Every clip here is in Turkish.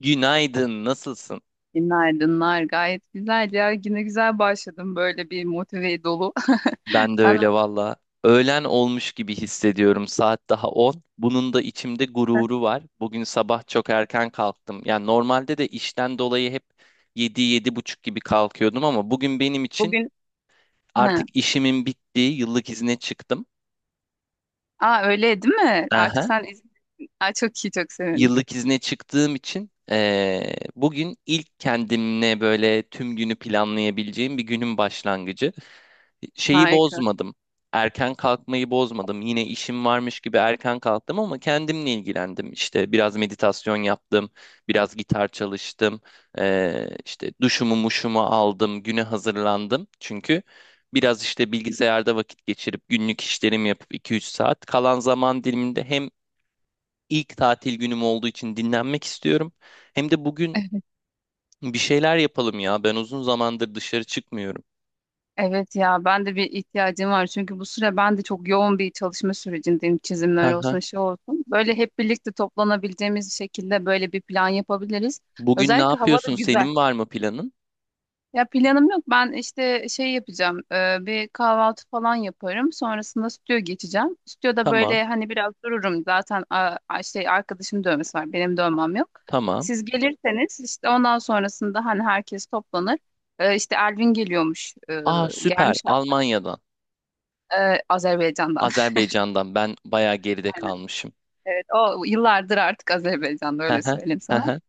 Günaydın, nasılsın? Günaydınlar. Gayet güzel ya. Güne güzel başladım böyle bir motive dolu. Ben de Sen öyle valla. Öğlen olmuş gibi hissediyorum. Saat daha 10. Bunun da içimde nasılsın? gururu var. Bugün sabah çok erken kalktım. Yani normalde de işten dolayı hep 7 buçuk gibi kalkıyordum ama bugün benim için Bugün ha. artık işimin bittiği yıllık izne çıktım. Aa öyle değil mi? Artık Aha. sen izin. Aa, çok iyi çok sevindim. Yıllık izne çıktığım için bugün ilk kendimle böyle tüm günü planlayabileceğim bir günün başlangıcı. Şeyi Harika. bozmadım. Erken kalkmayı bozmadım. Yine işim varmış gibi erken kalktım ama kendimle ilgilendim. İşte biraz meditasyon yaptım, biraz gitar çalıştım, işte duşumu muşumu aldım, güne hazırlandım. Çünkü biraz işte bilgisayarda vakit geçirip günlük işlerimi yapıp iki üç saat kalan zaman diliminde hem İlk tatil günüm olduğu için dinlenmek istiyorum. Hem de bugün bir şeyler yapalım ya. Ben uzun zamandır dışarı çıkmıyorum. Evet ya ben de bir ihtiyacım var çünkü bu süre ben de çok yoğun bir çalışma sürecindeyim. Çizimler Hı hı. olsun şey olsun. Böyle hep birlikte toplanabileceğimiz şekilde böyle bir plan yapabiliriz. Bugün ne Özellikle hava da yapıyorsun? güzel. Senin var mı planın? Ya planım yok. Ben işte şey yapacağım. Bir kahvaltı falan yaparım. Sonrasında stüdyo geçeceğim. Stüdyoda Tamam, böyle hani biraz dururum. Zaten a, şey arkadaşım dövmesi var. Benim dövmem yok. tamam. Siz gelirseniz işte ondan sonrasında hani herkes toplanır. İşte Elvin geliyormuş. Aa, süper. Gelmiş Almanya'dan, Azerbaycan'dan. Azerbaycan'dan. Ben bayağı geride Aynen. kalmışım. Evet. O yıllardır artık Azerbaycan'da Hı öyle hı, söyleyeyim hı sana. hı.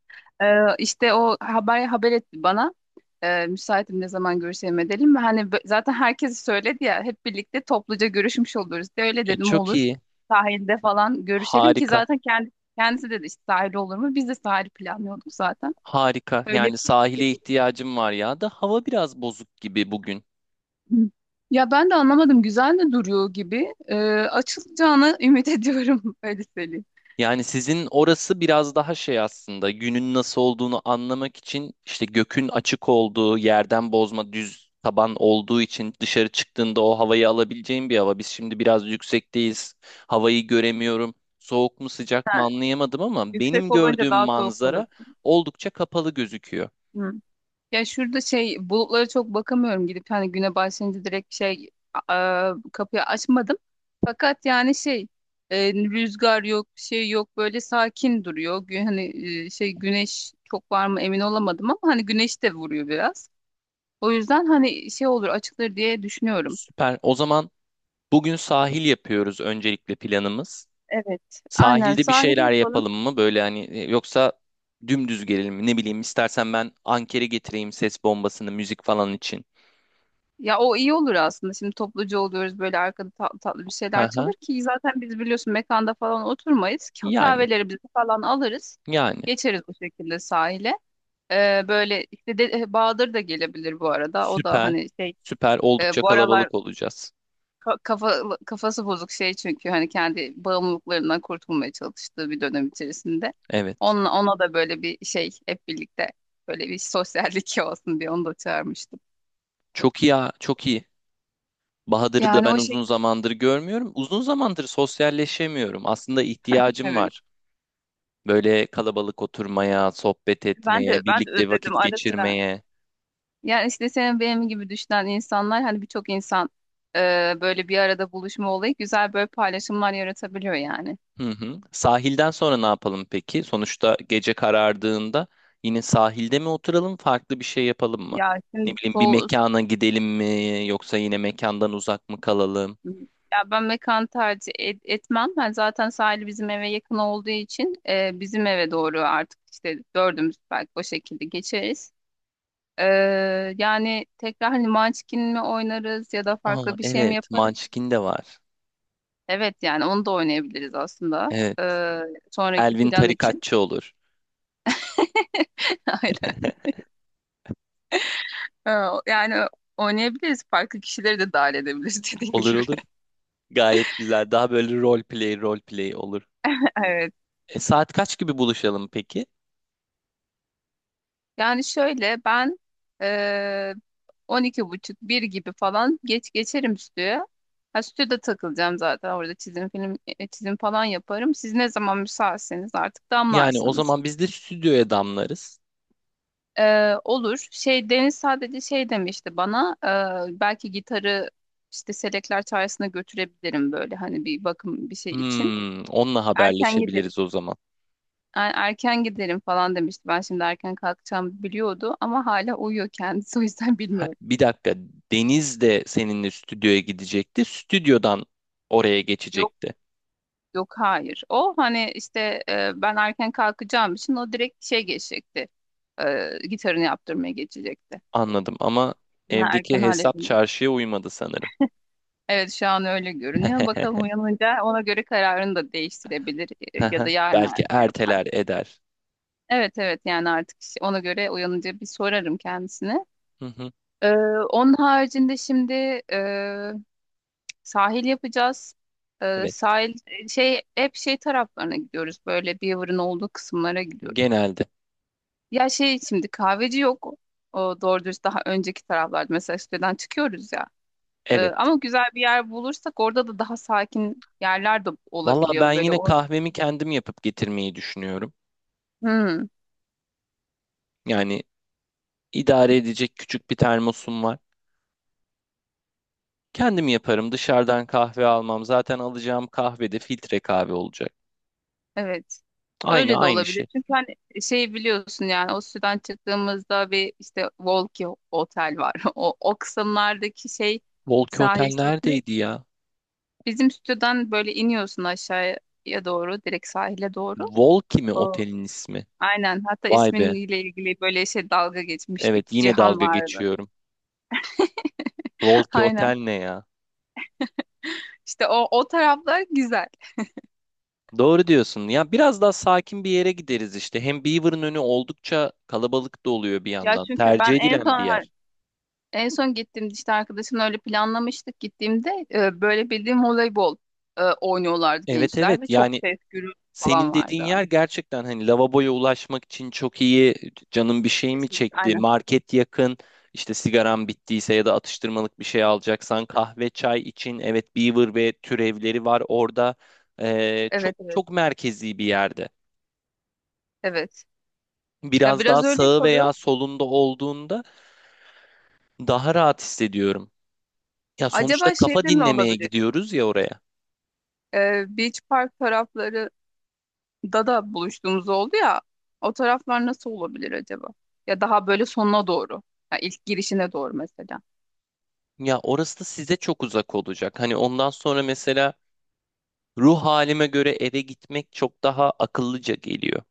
Ee, işte o haber etti bana. Müsaitim, ne zaman görüşelim edelim mi? Hani zaten herkes söyledi ya, hep birlikte topluca görüşmüş oluruz diye öyle E, dedim çok olur. iyi. Sahilde falan görüşelim ki Harika, zaten kendisi dedi işte, sahil olur mu? Biz de sahil planlıyorduk zaten. harika. Öyle Yani sahile yapalım. ihtiyacım var ya da hava biraz bozuk gibi bugün. Ya ben de anlamadım, güzel de duruyor gibi. Açılacağını ümit ediyorum öyle söyleyeyim. Yani sizin orası biraz daha şey, aslında günün nasıl olduğunu anlamak için işte gökün açık olduğu yerden bozma düz taban olduğu için dışarı çıktığında o havayı alabileceğin bir hava. Biz şimdi biraz yüksekteyiz. Havayı göremiyorum. Soğuk mu sıcak mı anlayamadım ama Yüksek benim olunca gördüğüm daha soğuk olur. manzara oldukça kapalı gözüküyor. Ya şurada şey bulutlara çok bakamıyorum, gidip hani güne başlayınca direkt şey kapıyı açmadım. Fakat yani şey rüzgar yok bir şey yok, böyle sakin duruyor. Hani şey güneş çok var mı emin olamadım ama hani güneş de vuruyor biraz. O yüzden hani şey olur açılır diye düşünüyorum. Süper. O zaman bugün sahil yapıyoruz, öncelikle planımız. Evet aynen, Sahilde bir sahil şeyler yapalım. yapalım mı? Böyle hani, yoksa dümdüz gelelim mi? Ne bileyim, istersen ben ankere getireyim ses bombasını müzik falan için. Ya o iyi olur aslında. Şimdi topluca oluyoruz, böyle arkada tatlı tatlı bir şeyler Hı çalır hı. ki zaten biz biliyorsun mekanda falan oturmayız. Yani Kahvelerimizi falan alırız. yani Geçeriz bu şekilde sahile. Böyle işte de, Bahadır da gelebilir bu arada. O da süper hani şey süper oldukça bu aralar kalabalık olacağız. Kafa, kafası bozuk şey, çünkü hani kendi bağımlılıklarından kurtulmaya çalıştığı bir dönem içerisinde. Evet. Onunla, ona da böyle bir şey, hep birlikte böyle bir sosyallik olsun diye onu da çağırmıştım. Çok iyi ya, çok iyi. Bahadır'ı da Yani ben o uzun şekilde, zamandır görmüyorum. Uzun zamandır sosyalleşemiyorum. Aslında ihtiyacım evet. var. Böyle kalabalık oturmaya, sohbet Ben de etmeye, ben de birlikte özledim vakit ara sıra. geçirmeye. Yani işte senin benim gibi düşünen insanlar, hani birçok insan böyle bir arada buluşma olayı güzel böyle paylaşımlar yaratabiliyor yani. Hı hı. Sahilden sonra ne yapalım peki? Sonuçta gece karardığında yine sahilde mi oturalım, farklı bir şey yapalım mı? Ya Ne şimdi bileyim, bir so mekana gidelim mi yoksa yine mekandan uzak mı kalalım? Ya ben mekan tercih etmem. Ben zaten sahili bizim eve yakın olduğu için bizim eve doğru artık işte dördümüz belki o şekilde geçeriz. E, Yani tekrar hani Munchkin mi oynarız ya da Aa, farklı bir şey mi evet, yaparız? Munchkin de var. Evet yani onu da oynayabiliriz aslında. Evet, E, Sonraki Elvin plan için. tarikatçı olur. Aynen. Ha, yani oynayabiliriz. Farklı kişileri de dahil edebiliriz dediğin Olur gibi. olur. Gayet güzel. Daha böyle rol play rol play olur. Evet. Saat kaç gibi buluşalım peki? Yani şöyle ben eee 12 buçuk bir gibi falan geç geçerim stüdyoya. Ha, stüdyoda takılacağım zaten. Orada çizim film çizim falan yaparım. Siz ne zaman müsaitseniz artık Yani o damlarsınız. zaman biz de stüdyoya damlarız. Olur. Şey Deniz sadece şey demişti bana. Belki gitarı işte Selekler Çağrısı'na götürebilirim böyle hani bir bakım bir şey için. Onunla Erken haberleşebiliriz o zaman. Erken giderim falan demişti. Ben şimdi erken kalkacağım biliyordu ama hala uyuyor kendisi o yüzden Ha, bilmiyorum. bir dakika. Deniz de seninle stüdyoya gidecekti. Stüdyodan oraya Yok geçecekti. yok hayır. O hani işte ben erken kalkacağım için o direkt şey geçecekti. Gitarını yaptırmaya geçecekti. Anladım ama Ben evdeki erken hesap halledildi. çarşıya uymadı sanırım. Evet şu an öyle görünüyor. Bakalım uyanınca ona göre kararını da değiştirebilir ya Haha, da yarın belki erken yapar. erteler eder. Evet evet, yani artık işte ona göre uyanınca bir sorarım kendisine. Hı hı. Ee, Onun haricinde şimdi e, sahil yapacağız. Evet, Sahil şey, hep şey taraflarına gidiyoruz. Böyle Beaver'ın olduğu kısımlara gidiyoruz. genelde. Ya şey şimdi kahveci yok. O doğru dürüst daha önceki taraflarda, mesela siteden çıkıyoruz ya. Evet. Ama güzel bir yer bulursak orada da daha sakin yerler de Vallahi ben olabiliyor. Böyle yine o. kahvemi kendim yapıp getirmeyi düşünüyorum. Hmm, Yani idare edecek küçük bir termosum var. Kendim yaparım. Dışarıdan kahve almam. Zaten alacağım kahve de filtre kahve olacak. evet. Aynı Öyle de aynı olabilir. şey. Çünkü hani şey biliyorsun, yani o siteden çıktığımızda bir işte Volki Otel var. O, o kısımlardaki şey Volki sahil Otel kesimi. neredeydi ya? Bizim stüdyodan böyle iniyorsun aşağıya doğru, direkt sahile doğru. Volki mi O, otelin ismi? aynen. Hatta Vay be. isminle ilgili böyle şey dalga Evet, geçmiştik. yine Cihan dalga vardı. geçiyorum. Volki Aynen. Otel ne ya? İşte o taraflar güzel. Doğru diyorsun. Ya biraz daha sakin bir yere gideriz işte. Hem Beaver'ın önü oldukça kalabalık da oluyor bir Ya yandan. çünkü ben Tercih en edilen bir son yer. en son gittiğimde işte arkadaşımla öyle planlamıştık, gittiğimde böyle bildiğim voleybol oynuyorlardı Evet, gençler evet. ve çok Yani ses gürültü falan senin dediğin vardı. yer gerçekten hani lavaboya ulaşmak için çok iyi, canım bir şey mi Kesinlikle. çekti, Aynen. market yakın, işte sigaram bittiyse ya da atıştırmalık bir şey alacaksan kahve, çay için, evet, Beaver ve türevleri var orada. Çok Evet evet. çok merkezi bir yerde. Evet. Ya Biraz daha biraz öyle sağı kalıyor. veya solunda olduğunda daha rahat hissediyorum. Ya sonuçta Acaba kafa şeyde mi dinlemeye olabilir? gidiyoruz ya oraya. Beach Park tarafları da buluştuğumuz oldu ya, o taraflar nasıl olabilir acaba? Ya daha böyle sonuna doğru. Ya ilk girişine doğru mesela. Ya orası da size çok uzak olacak. Hani ondan sonra mesela ruh halime göre eve gitmek çok daha akıllıca geliyor.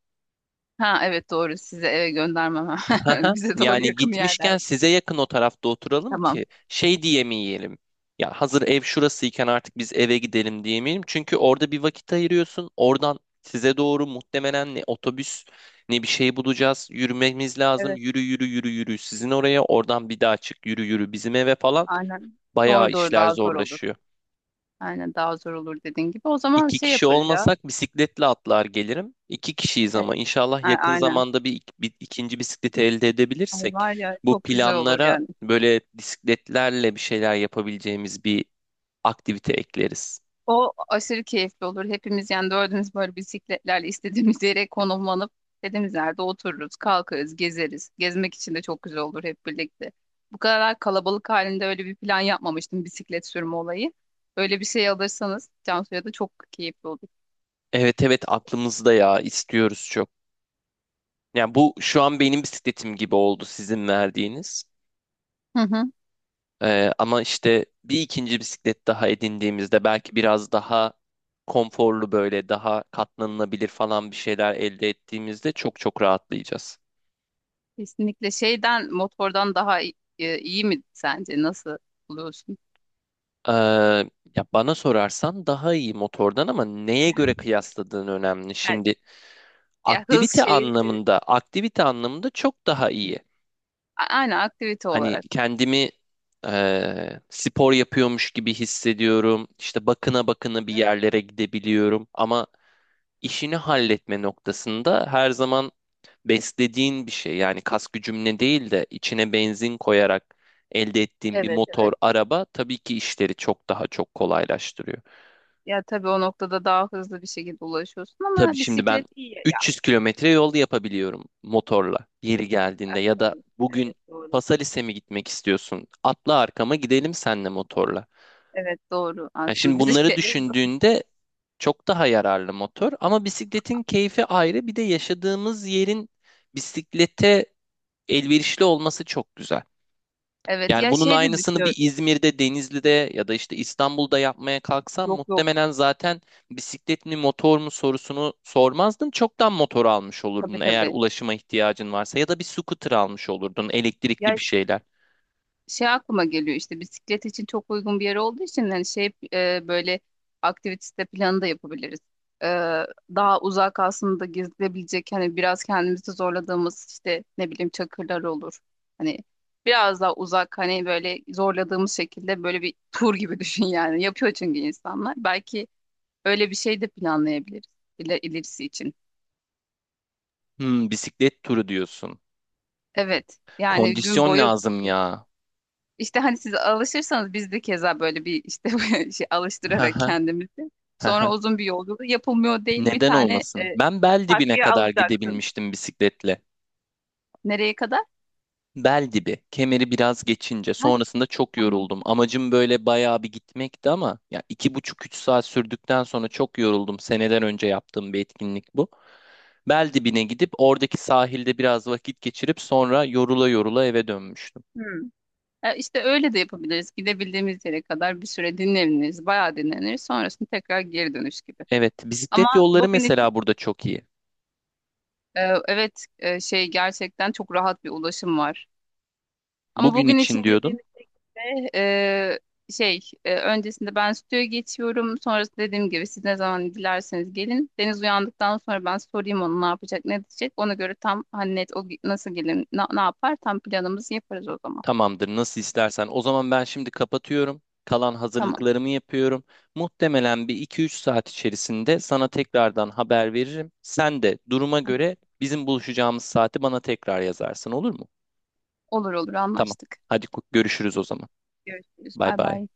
Ha evet doğru, size eve göndermem. Haha. Bize doğru Yani yakın gitmişken yerlerde. size yakın o tarafta oturalım Tamam. ki şey diyemeyelim. Ya hazır ev şurasıyken artık biz eve gidelim diyemeyelim. Çünkü orada bir vakit ayırıyorsun. Oradan size doğru muhtemelen ne otobüs ne bir şey bulacağız. Yürümemiz lazım. Evet Yürü yürü yürü yürü. Sizin oraya, oradan bir daha çık yürü yürü bizim eve falan. aynen. Bayağı Doğru doğru, işler daha zor olur. zorlaşıyor. Aynen daha zor olur dediğin gibi. O zaman İki şey kişi yaparız ya. olmasak bisikletle atlar gelirim. İki kişiyiz Evet, ama inşallah yakın aynen. zamanda bir ikinci bisikleti elde Ay edebilirsek var ya, bu çok güzel olur planlara yani. böyle bisikletlerle bir şeyler yapabileceğimiz bir aktivite ekleriz. O aşırı keyifli olur. Hepimiz yani dördümüz böyle bisikletlerle istediğimiz yere konumlanıp istediğimiz yerde otururuz, kalkarız, gezeriz. Gezmek için de çok güzel olur hep birlikte. Bu kadar kalabalık halinde öyle bir plan yapmamıştım bisiklet sürme olayı. Böyle bir şey alırsanız Cansu'ya da çok keyifli olur. Evet, evet, aklımızda ya, istiyoruz çok. Yani bu şu an benim bisikletim gibi oldu sizin verdiğiniz. Hı hı. Ama işte bir ikinci bisiklet daha edindiğimizde belki biraz daha konforlu, böyle daha katlanılabilir falan bir şeyler elde ettiğimizde çok çok rahatlayacağız. Kesinlikle şeyden motordan daha iyi mi sence? Nasıl buluyorsun? Ee, ya bana sorarsan daha iyi motordan ama neye göre kıyasladığın önemli. Yani, Şimdi ya hız aktivite şey, anlamında, aktivite anlamında çok daha iyi. Aynen aktivite Hani olarak. kendimi spor yapıyormuş gibi hissediyorum. İşte bakına bakına bir Evet, yerlere gidebiliyorum. Ama işini halletme noktasında her zaman beslediğin bir şey. Yani kas gücümle değil de içine benzin koyarak elde ettiğin bir evet. motor, Evet. araba tabii ki işleri çok daha çok kolaylaştırıyor. Ya tabii o noktada daha hızlı bir şekilde ulaşıyorsun Tabii ama şimdi ben bisiklet iyi ya. 300 kilometre yol yapabiliyorum motorla yeri Ya, geldiğinde, ya da tabii. bugün Evet doğru. Pasaris'e mi gitmek istiyorsun? Atla arkama, gidelim senle motorla. Evet doğru Yani aslında şimdi bunları bisiklet. düşündüğünde çok daha yararlı motor ama bisikletin keyfi ayrı, bir de yaşadığımız yerin bisiklete elverişli olması çok güzel. Evet Yani ya bunun şey de aynısını bir düşünüyorum. İzmir'de, Denizli'de ya da işte İstanbul'da yapmaya kalksam Yok yok, muhtemelen zaten bisiklet mi motor mu sorusunu sormazdın. Çoktan motor almış tabii olurdun eğer tabii. ulaşıma ihtiyacın varsa, ya da bir scooter almış olurdun, Ya elektrikli bir şeyler. şey aklıma geliyor, işte bisiklet için çok uygun bir yer olduğu için hani şey böyle aktivite planı da yapabiliriz. E, Daha uzak aslında gezilebilecek, hani biraz kendimizi zorladığımız işte ne bileyim çakırlar olur. Hani biraz daha uzak, hani böyle zorladığımız şekilde böyle bir tur gibi düşün yani. Yapıyor çünkü insanlar. Belki öyle bir şey de planlayabiliriz ilerisi için. Bisiklet turu diyorsun. Evet yani gün Kondisyon boyu. lazım ya. İşte hani siz alışırsanız biz de keza böyle bir işte böyle şey Hı alıştırarak hı, kendimizi. hı hı. Sonra uzun bir yolculuk yapılmıyor değil bir Neden tane olmasın? Ben bel dibine takviye kadar alacaksın. gidebilmiştim bisikletle. Nereye kadar? Bel dibi. Kemeri biraz geçince. Ha, Sonrasında çok tamam. yoruldum. Amacım böyle bayağı bir gitmekti ama ya iki buçuk üç saat sürdükten sonra çok yoruldum. Seneden önce yaptığım bir etkinlik bu. Bel dibine gidip oradaki sahilde biraz vakit geçirip sonra yorula yorula eve dönmüştüm. Hmm. İşte öyle de yapabiliriz. Gidebildiğimiz yere kadar bir süre dinleniriz. Bayağı dinleniriz. Sonrasında tekrar geri dönüş gibi. Evet, bisiklet Ama yolları bugün için mesela burada çok iyi. e, evet şey gerçekten çok rahat bir ulaşım var. Ama Bugün bugün için için dediğim diyordun. Eee, şey öncesinde ben stüdyoya geçiyorum. Sonrası dediğim gibi siz ne zaman dilerseniz gelin. Deniz uyandıktan sonra ben sorayım onu ne yapacak ne diyecek. Ona göre tam hani net nasıl gelin ne, yapar tam planımızı yaparız o zaman. Tamamdır, nasıl istersen. O zaman ben şimdi kapatıyorum. Kalan Tamam. hazırlıklarımı yapıyorum. Muhtemelen bir iki üç saat içerisinde sana tekrardan haber veririm. Sen de duruma Tamam. göre bizim buluşacağımız saati bana tekrar yazarsın, olur mu? Olur olur, Tamam. anlaştık. Hadi görüşürüz o zaman. Görüşürüz. Bay Bay bay. bay.